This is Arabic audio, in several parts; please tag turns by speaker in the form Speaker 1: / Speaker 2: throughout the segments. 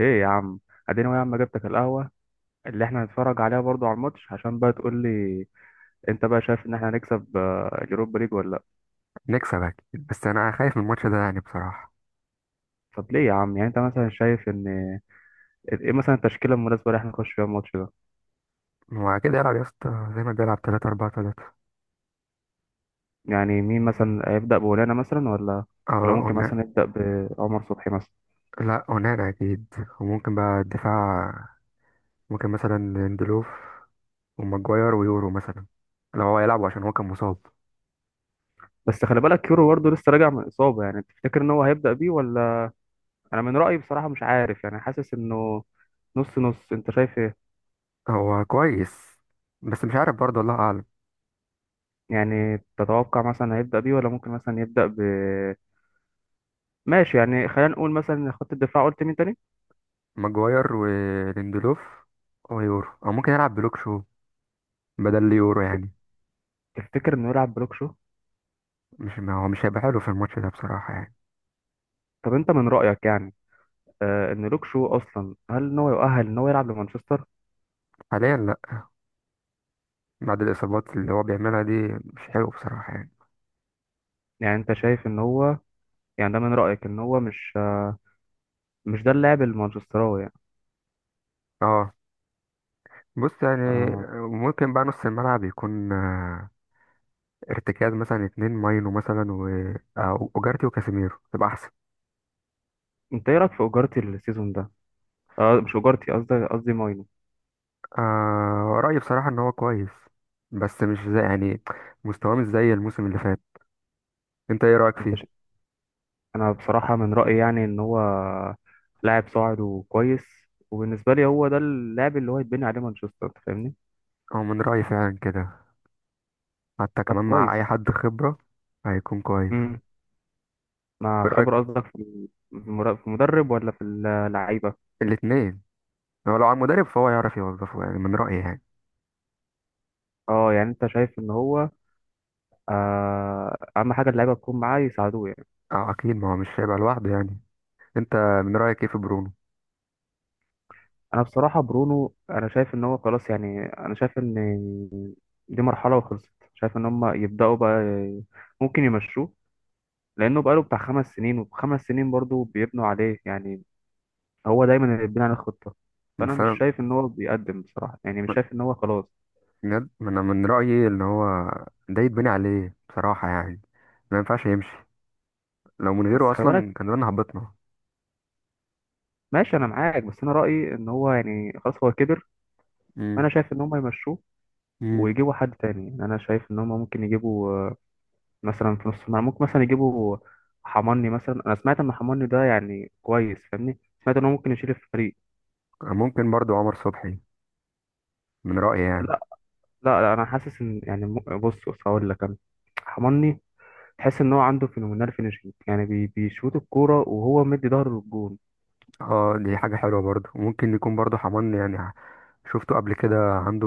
Speaker 1: ايه يا عم؟ اديني يا عم، جبتك القهوه اللي احنا هنتفرج عليها برضو على الماتش، عشان بقى تقول لي انت بقى شايف ان احنا هنكسب اليوروبا ليج ولا لا؟
Speaker 2: نكسب أكيد بس أنا خايف من الماتش ده يعني بصراحة.
Speaker 1: طب ليه يا عم؟ يعني انت مثلا شايف ان ايه مثلا التشكيله المناسبه اللي احنا نخش فيها الماتش ده؟
Speaker 2: هو كده يلعب يا اسطى زي ما بيلعب 3-4-3.
Speaker 1: يعني مين مثلا هيبدا؟ بولانا مثلا ولا
Speaker 2: اه
Speaker 1: ممكن
Speaker 2: قلنا.
Speaker 1: مثلا يبدا بعمر صبحي مثلا؟
Speaker 2: لا قلنا أكيد. وممكن بقى الدفاع، ممكن مثلا ليندلوف وماجواير ويورو مثلا لو هو يلعب عشان هو كان مصاب.
Speaker 1: بس خلي بالك كيرو برضه لسه راجع من اصابه، يعني تفتكر ان هو هيبدا بيه ولا؟ انا من رايي بصراحه مش عارف، يعني حاسس انه نص نص. انت شايف ايه؟
Speaker 2: هو كويس بس مش عارف برضه، الله أعلم.
Speaker 1: يعني تتوقع مثلا هيبدا بيه ولا ممكن مثلا يبدا ب. يعني خلينا نقول مثلا إن خط الدفاع، قلت مين تاني؟
Speaker 2: ماجواير وليندلوف ويورو، أو ممكن يلعب بلوك شو بدل اليورو يعني.
Speaker 1: تفتكر انه يلعب بلوك شو؟
Speaker 2: مش، ما هو مش هيبقى حلو في الماتش ده بصراحة يعني.
Speaker 1: طب انت من رأيك يعني ان لوك شو اصلا، هل ان هو يؤهل ان هو يلعب لمانشستر؟
Speaker 2: حاليا لا، بعد الإصابات اللي هو بيعملها دي مش حلو بصراحة يعني.
Speaker 1: يعني انت شايف ان هو، يعني ده من رأيك ان هو مش ده اللاعب المانشستراوي يعني؟
Speaker 2: اه، بص يعني
Speaker 1: آه،
Speaker 2: ممكن بقى نص الملعب يكون ارتكاز مثلا 2 ماينو مثلا و وجارتي وكاسيميرو تبقى احسن.
Speaker 1: انت ايه رأيك في اجارتي السيزون ده؟ مش اجارتي، قصدي ماينو.
Speaker 2: آه، رأيي بصراحة ان هو كويس بس مش زي يعني، مستواه مش زي الموسم اللي فات. انت ايه رأيك
Speaker 1: انت
Speaker 2: فيه؟
Speaker 1: ش... انا بصراحة من رأيي يعني ان هو لاعب صاعد وكويس، وبالنسبة لي هو ده اللاعب اللي هو يتبني عليه مانشستر، أنت فاهمني.
Speaker 2: هو من رأيي فعلا كده، حتى
Speaker 1: طب
Speaker 2: كمان مع
Speaker 1: كويس.
Speaker 2: اي حد خبرة هيكون كويس.
Speaker 1: مع
Speaker 2: ورأيك؟
Speaker 1: خبرة قصدك في في المدرب ولا في اللعيبة؟
Speaker 2: الاتنين. هو لو على المدرب فهو يعرف يوظفه يعني، من رأيي يعني.
Speaker 1: اه، يعني انت شايف ان هو اهم حاجة اللعيبة تكون معاه، يساعدوه يعني.
Speaker 2: اه اكيد، ما هو مش هيبقى لوحده يعني. انت من رأيك ايه في برونو
Speaker 1: انا بصراحة برونو، انا شايف ان هو خلاص، يعني انا شايف ان دي مرحلة وخلصت، شايف ان هم يبدأوا بقى ممكن يمشوه، لانه بقاله بتاع 5 سنين، وخمس سنين برضه بيبنوا عليه يعني، هو دايما اللي بيبني على الخطة. فانا مش
Speaker 2: مثلا؟
Speaker 1: شايف ان هو بيقدم بصراحة، يعني مش شايف ان هو خلاص.
Speaker 2: بجد انا من رايي ان هو ده يتبني عليه بصراحه يعني، ما ينفعش يمشي، لو من
Speaker 1: بس
Speaker 2: غيره
Speaker 1: خلي بالك،
Speaker 2: اصلا كان زمان هبطنا.
Speaker 1: ماشي انا معاك، بس انا رأيي ان هو يعني خلاص، هو كبر.
Speaker 2: امم.
Speaker 1: انا شايف ان هم يمشوه
Speaker 2: امم.
Speaker 1: ويجيبوا حد تاني، يعني انا شايف ان هم ممكن يجيبوا، مثلا في نص الملعب ممكن مثلا يجيبوا حماني مثلا، انا سمعت ان حماني ده يعني كويس، فاهمني، سمعت ان هو ممكن يشيل الفريق.
Speaker 2: ممكن برضو عمر صبحي، من رايي يعني.
Speaker 1: لا، لا, لا، انا حاسس ان يعني بص بص هقول لك انا، حماني تحس ان هو عنده فينومينال فينيشنج، يعني بيشوط الكوره وهو مدي ظهره للجون.
Speaker 2: اه، دي حاجه حلوه برضو، ممكن يكون برضو حمان يعني، شفته قبل كده، عنده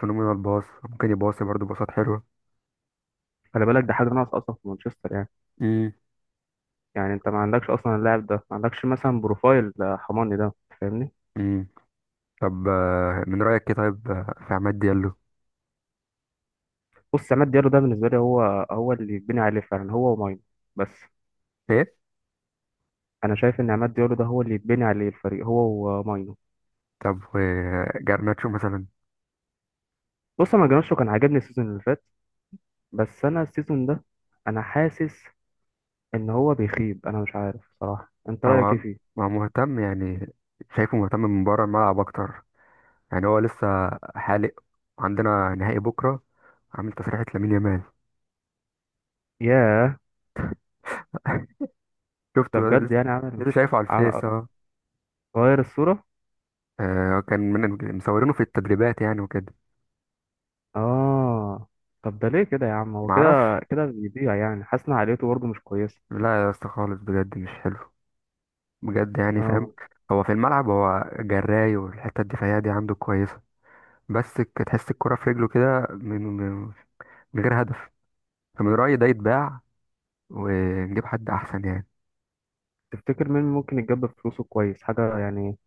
Speaker 2: فينومينال باص، ممكن يباصي برضو باصات حلوه.
Speaker 1: خلي بالك ده حاجه ناقصه اصلا في مانشستر يعني،
Speaker 2: امم.
Speaker 1: يعني انت ما عندكش اصلا اللاعب ده، ما عندكش مثلا بروفايل، حماني ده، فاهمني.
Speaker 2: امم. طب من رايك ايه طيب في عماد ديالو؟
Speaker 1: بص، عماد ديالو ده بالنسبة لي هو اللي يتبني عليه فعلا، هو وماينو. بس
Speaker 2: ايه.
Speaker 1: أنا شايف إن عماد ديالو ده هو اللي يتبني عليه الفريق، هو وماينو.
Speaker 2: طب جرناتشو مثلا؟
Speaker 1: بص، أنا جرانشو كان عاجبني السيزون اللي فات، بس أنا السيزون ده أنا حاسس إن هو بيخيب، أنا مش عارف صراحة. أنت
Speaker 2: هو
Speaker 1: رأيك إيه فيه؟
Speaker 2: هو مهتم يعني، شايفه مهتم من بره الملعب اكتر يعني، هو لسه حالق، عندنا نهائي بكره، عامل تسريحة لامين يامال.
Speaker 1: ياه!
Speaker 2: شفته
Speaker 1: ده بجد
Speaker 2: لسه
Speaker 1: يعني عمل
Speaker 2: لسه شايفه على الفيس
Speaker 1: عم-
Speaker 2: اه.
Speaker 1: غير الصورة؟
Speaker 2: آه، كان من مصورينه في التدريبات يعني وكده.
Speaker 1: آه. طب ده ليه كده يا عم؟ هو كده
Speaker 2: معرفش،
Speaker 1: كده بيضيع، يعني حاسس إن عقليته برضه مش كويسة.
Speaker 2: لا يا اسطى خالص بجد مش حلو، بجد يعني فاهم.
Speaker 1: آه.
Speaker 2: هو في الملعب هو جراي والحته الدفاعيه دي عنده كويسه، بس تحس الكره في رجله كده من غير هدف، فمن رايي ده يتباع ونجيب حد احسن يعني.
Speaker 1: تفتكر مين ممكن يتجاب فلوسه كويس حاجة يعني،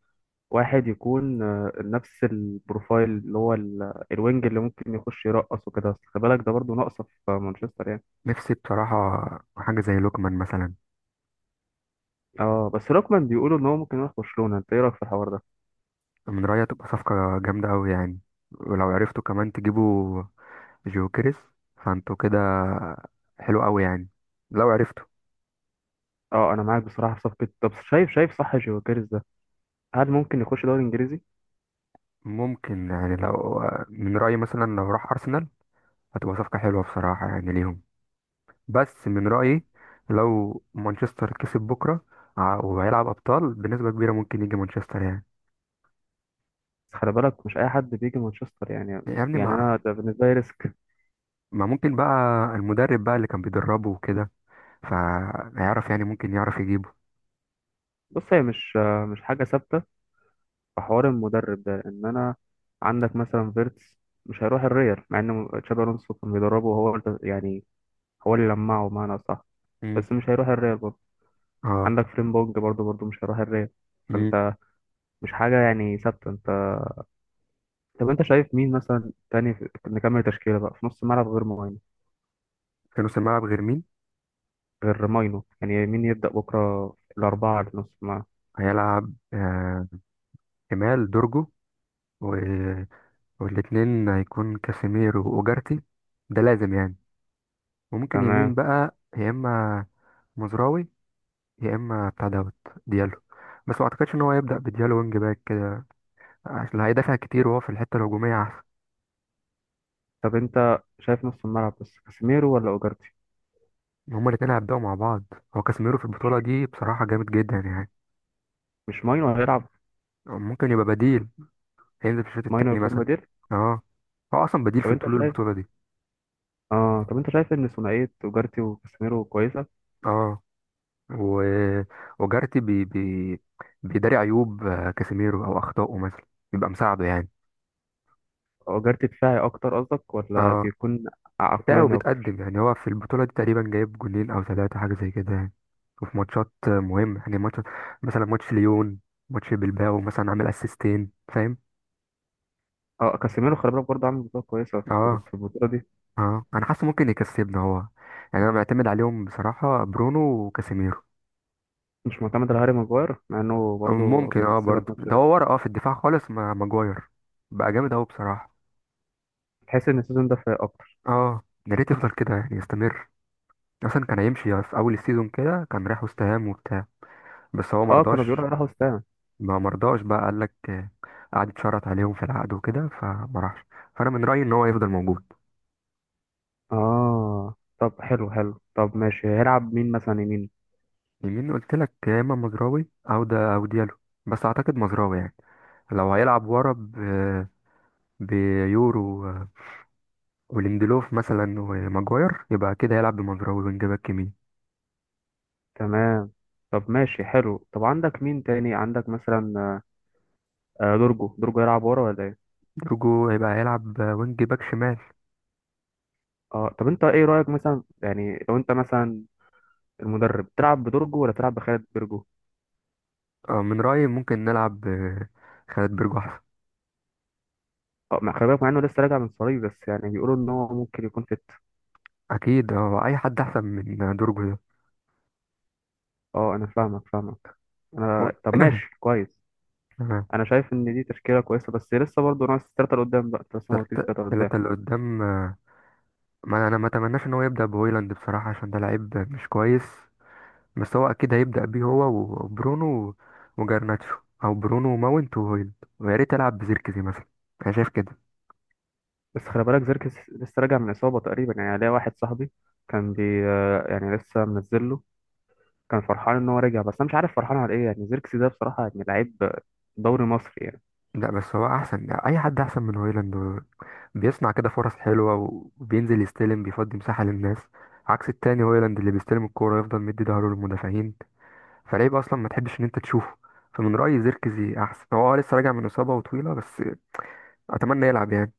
Speaker 1: واحد يكون نفس البروفايل، اللي هو الوينج اللي ممكن يخش يرقص وكده، بس خلي بالك ده برضه ناقصه في مانشستر يعني.
Speaker 2: نفسي بصراحة حاجة زي لوكمان مثلا.
Speaker 1: اه، بس لوكمان بيقولوا ان هو ممكن يروح برشلونه، انت ايه رايك في الحوار ده؟
Speaker 2: من رأيي تبقى صفقة جامدة أوي يعني، ولو عرفتوا كمان تجيبوا جوكريس فانتوا كده حلو أوي يعني لو عرفتوا.
Speaker 1: اه، انا معاك بصراحه في صفقه. طب شايف صح جيوكيرز ده، هل ممكن يخش دوري انجليزي؟
Speaker 2: ممكن يعني، لو من رأيي مثلا لو راح أرسنال هتبقى صفقة حلوة بصراحة يعني ليهم، بس من رأيي لو مانشستر كسب بكرة وهيلعب أبطال بنسبة كبيرة ممكن يجي مانشستر يعني.
Speaker 1: بس خلي بالك مش اي حد بيجي مانشستر يعني،
Speaker 2: يعني
Speaker 1: يعني انا
Speaker 2: مع
Speaker 1: ده بالنسبه لي ريسك.
Speaker 2: ما ممكن بقى المدرب بقى اللي كان بيدربه وكده فهيعرف يعني، ممكن يعرف يجيبه.
Speaker 1: بص، هي مش حاجه ثابته في حوار المدرب ده. ان انا عندك مثلا فيرتس مش هيروح الريال، مع ان تشابي الونسو كان بيدربه وهو يعني، هو اللي لمعه بمعنى صح،
Speaker 2: مم.
Speaker 1: بس مش هيروح الريال برضه.
Speaker 2: اه.
Speaker 1: عندك فريمبونج برضه مش هيروح الريال.
Speaker 2: مم.
Speaker 1: فانت مش حاجة يعني ثابتة انت. طب انت شايف مين مثلا تاني نكمل تشكيلة بقى في نص الملعب غير ماينو؟
Speaker 2: كانوا سماعة بغير مين
Speaker 1: غير ماينو يعني، مين يبدأ بكرة الأربعة اللي في نص الملعب؟
Speaker 2: هيلعب؟ آه، كمال دورجو و... والاتنين هيكون كاسيميرو وأوجارتي، ده لازم يعني. وممكن يمين
Speaker 1: تمام.
Speaker 2: بقى يا إما مزراوي يا إما بتاع دوت ديالو، بس ما أعتقدش إن هو هيبدأ بديالو وينج باك كده عشان هيدافع كتير وهو في الحتة الهجومية أحسن.
Speaker 1: طب انت شايف نص الملعب بس كاسيميرو ولا اوجارتي؟
Speaker 2: هما الاتنين هيبدأوا مع بعض، هو كاسيميرو في البطولة دي بصراحة جامد جدا يعني.
Speaker 1: مش ماينو هيلعب؟
Speaker 2: ممكن يبقى بديل، هينزل في الشوط
Speaker 1: ماينو
Speaker 2: التاني
Speaker 1: يكون
Speaker 2: مثلا.
Speaker 1: بديل؟
Speaker 2: اه، هو أصلا بديل
Speaker 1: طب
Speaker 2: في
Speaker 1: انت
Speaker 2: طول
Speaker 1: شايف،
Speaker 2: البطولة دي.
Speaker 1: اه طب انت شايف ان ثنائية اوجارتي وكاسيميرو كويسة؟
Speaker 2: اه و- وجارتي بي بي بيداري عيوب كاسيميرو او اخطائه مثلا، بيبقى مساعده يعني.
Speaker 1: اوجارتي دفاعي اكتر قصدك ولا
Speaker 2: اه،
Speaker 1: بيكون
Speaker 2: بتاعه
Speaker 1: عقلاني اكتر؟
Speaker 2: بيتقدم يعني، هو في البطوله دي تقريبا جايب جولين او 3 حاجه زي كده يعني، وفي ماتشات مهمه يعني، ماتش مثلا ماتش ليون، ماتش بلباو مثلا، عامل اسيستين فاهم.
Speaker 1: اه، كاسيميرو خلي بالك برضه عامل بطولة كويسة في
Speaker 2: اه،
Speaker 1: في البطولة دي.
Speaker 2: اه انا حاسه ممكن يكسبنا هو يعني، انا معتمد عليهم بصراحه، برونو وكاسيميرو.
Speaker 1: مش معتمد على هاري ماجواير، مع انه برضه
Speaker 2: ممكن اه،
Speaker 1: مكسبها في
Speaker 2: برضه
Speaker 1: ماتش
Speaker 2: ده
Speaker 1: ريال؟
Speaker 2: هو ورا اه في الدفاع خالص مع ماجواير بقى جامد اهو بصراحه.
Speaker 1: تحس ان السيزون ده فايق اكتر؟
Speaker 2: اه، يا ريت يفضل كده يعني يستمر، اصلا كان هيمشي في اول السيزون كده، كان رايح وست هام وبتاع بس هو
Speaker 1: اه، كانوا بيقولوا
Speaker 2: مرضاش.
Speaker 1: هيروحوا وستام.
Speaker 2: ما مرضاش بقى، قال لك قعد يتشرط عليهم في العقد وكده فما راحش، فانا من رايي ان هو يفضل موجود.
Speaker 1: اه، طب حلو حلو. طب ماشي، هيلعب مين مثلا يمين؟
Speaker 2: يمين قلت لك يا اما مزراوي او ده او ديالو، بس اعتقد مزراوي يعني، لو هيلعب ورا بيورو وليندلوف مثلا وماجواير، يبقى كده هيلعب بمزراوي وينج باك يمين.
Speaker 1: تمام. طب ماشي حلو. طب عندك مين تاني؟ عندك مثلا دورجو، دورجو يلعب ورا ولا ايه؟
Speaker 2: درجو هيبقى هيلعب وينج باك شمال.
Speaker 1: اه، طب انت ايه رأيك مثلا، يعني لو انت مثلا المدرب تلعب بدورجو ولا تلعب بخالد بيرجو؟
Speaker 2: من رايي ممكن نلعب خالد برجو.
Speaker 1: اه، خلي بالك مع انه لسه راجع من صليبي، بس يعني بيقولوا ان هو ممكن يكون فت.
Speaker 2: اكيد، هو اي حد احسن من دورجو ده.
Speaker 1: اه، انا فاهمك فاهمك.
Speaker 2: و-
Speaker 1: انا طب ماشي كويس.
Speaker 2: آه،
Speaker 1: انا شايف ان دي تشكيله كويسه، بس لسه برضه ناقص 3 لقدام بقى، انت لسه ما قلتليش
Speaker 2: التلاتة
Speaker 1: 3 لقدام.
Speaker 2: التلاتة اللي قدام ما انا ما اتمناش ان هو يبدا بهويلاند بصراحه عشان ده لعيب مش كويس، بس هو اكيد هيبدا بيه هو وبرونو وجرناتشو، او برونو وماونت وهويلاند، ويا ريت يلعب بزيركزي مثلا، انا شايف كده.
Speaker 1: بس خلي بالك زيركس لسه راجع من اصابه تقريبا، يعني ليا واحد صاحبي كان بي آه، يعني لسه منزل له، كان فرحان ان هو رجع، بس انا مش عارف فرحان على ايه، يعني زيركس ده بصراحه يعني لعيب دوري مصري يعني.
Speaker 2: لا، بس هو احسن، اي حد احسن من هويلاند بيصنع كده فرص حلوه وبينزل يستلم بيفضي مساحه للناس، عكس التاني هويلاند اللي بيستلم الكوره يفضل مدي ظهره للمدافعين، فلعيب اصلا ما تحبش ان انت تشوفه، فمن رايي زيركزي احسن، هو آه لسه راجع من اصابه وطويله بس اتمنى يلعب يعني.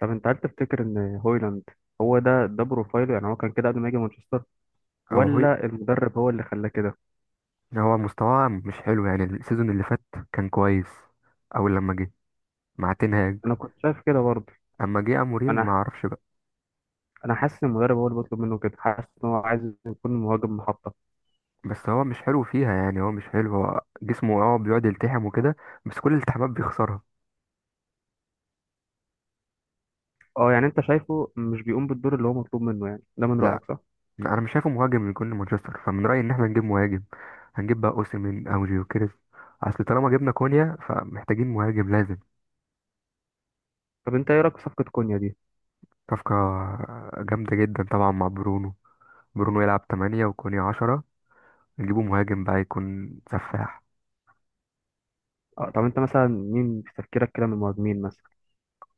Speaker 1: طب انت، هل تفتكر ان هويلاند هو ده بروفايله، يعني هو كان كده قبل ما يجي مانشستر،
Speaker 2: او هو،
Speaker 1: ولا المدرب هو اللي خلاه كده؟
Speaker 2: يعني هو مستواه مش حلو يعني، السيزون اللي فات كان كويس اول لما جه مع تنهاج،
Speaker 1: انا كنت شايف كده برضه.
Speaker 2: اما جه اموريم ما
Speaker 1: انا
Speaker 2: اعرفش بقى.
Speaker 1: انا حاسس ان المدرب هو اللي بيطلب منه كده، حاسس ان هو عايز يكون مهاجم محطة.
Speaker 2: بس هو مش حلو فيها يعني، هو مش حلو، هو جسمه اه بيقعد يلتحم وكده بس كل الالتحامات بيخسرها.
Speaker 1: اه، يعني انت شايفه مش بيقوم بالدور اللي هو مطلوب منه، يعني ده من
Speaker 2: لا،
Speaker 1: رأيك صح؟
Speaker 2: انا مش شايفه مهاجم يكون مانشستر، فمن رايي ان احنا نجيب مهاجم، هنجيب بقى اوسيمين او جيوكيريز، اصل طالما جبنا كونيا فمحتاجين مهاجم لازم.
Speaker 1: طب انت ايه رأيك في صفقة كونيا دي؟
Speaker 2: صفقة جامدة جدا طبعا، مع برونو، برونو يلعب 8 وكوني 10، نجيبه مهاجم بقى يكون سفاح.
Speaker 1: اه، طب انت مثلا مين في تفكيرك كده من المهاجمين مثلا؟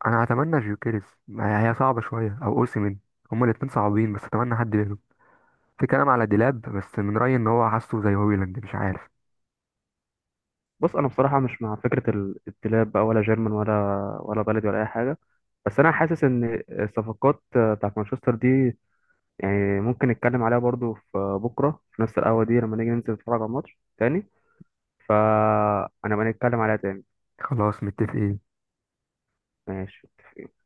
Speaker 2: أنا أتمنى جيوكيريز، ما هي هي صعبة شوية أو أوسيمين، هما الاتنين صعبين بس أتمنى حد منهم. في كلام على ديلاب بس من رأيي إن هو حاسه زي هويلاند، مش عارف.
Speaker 1: بص انا بصراحة مش مع فكرة الاتلاب بقى، ولا جيرمان ولا بلدي ولا اي حاجة. بس انا حاسس ان الصفقات بتاعت مانشستر دي، يعني ممكن نتكلم عليها برضو في بكرة، في نفس القهوة دي، لما نيجي ننزل نتفرج على الماتش تاني، فانا بنتكلم عليها تاني.
Speaker 2: خلاص متفقين.
Speaker 1: ماشي.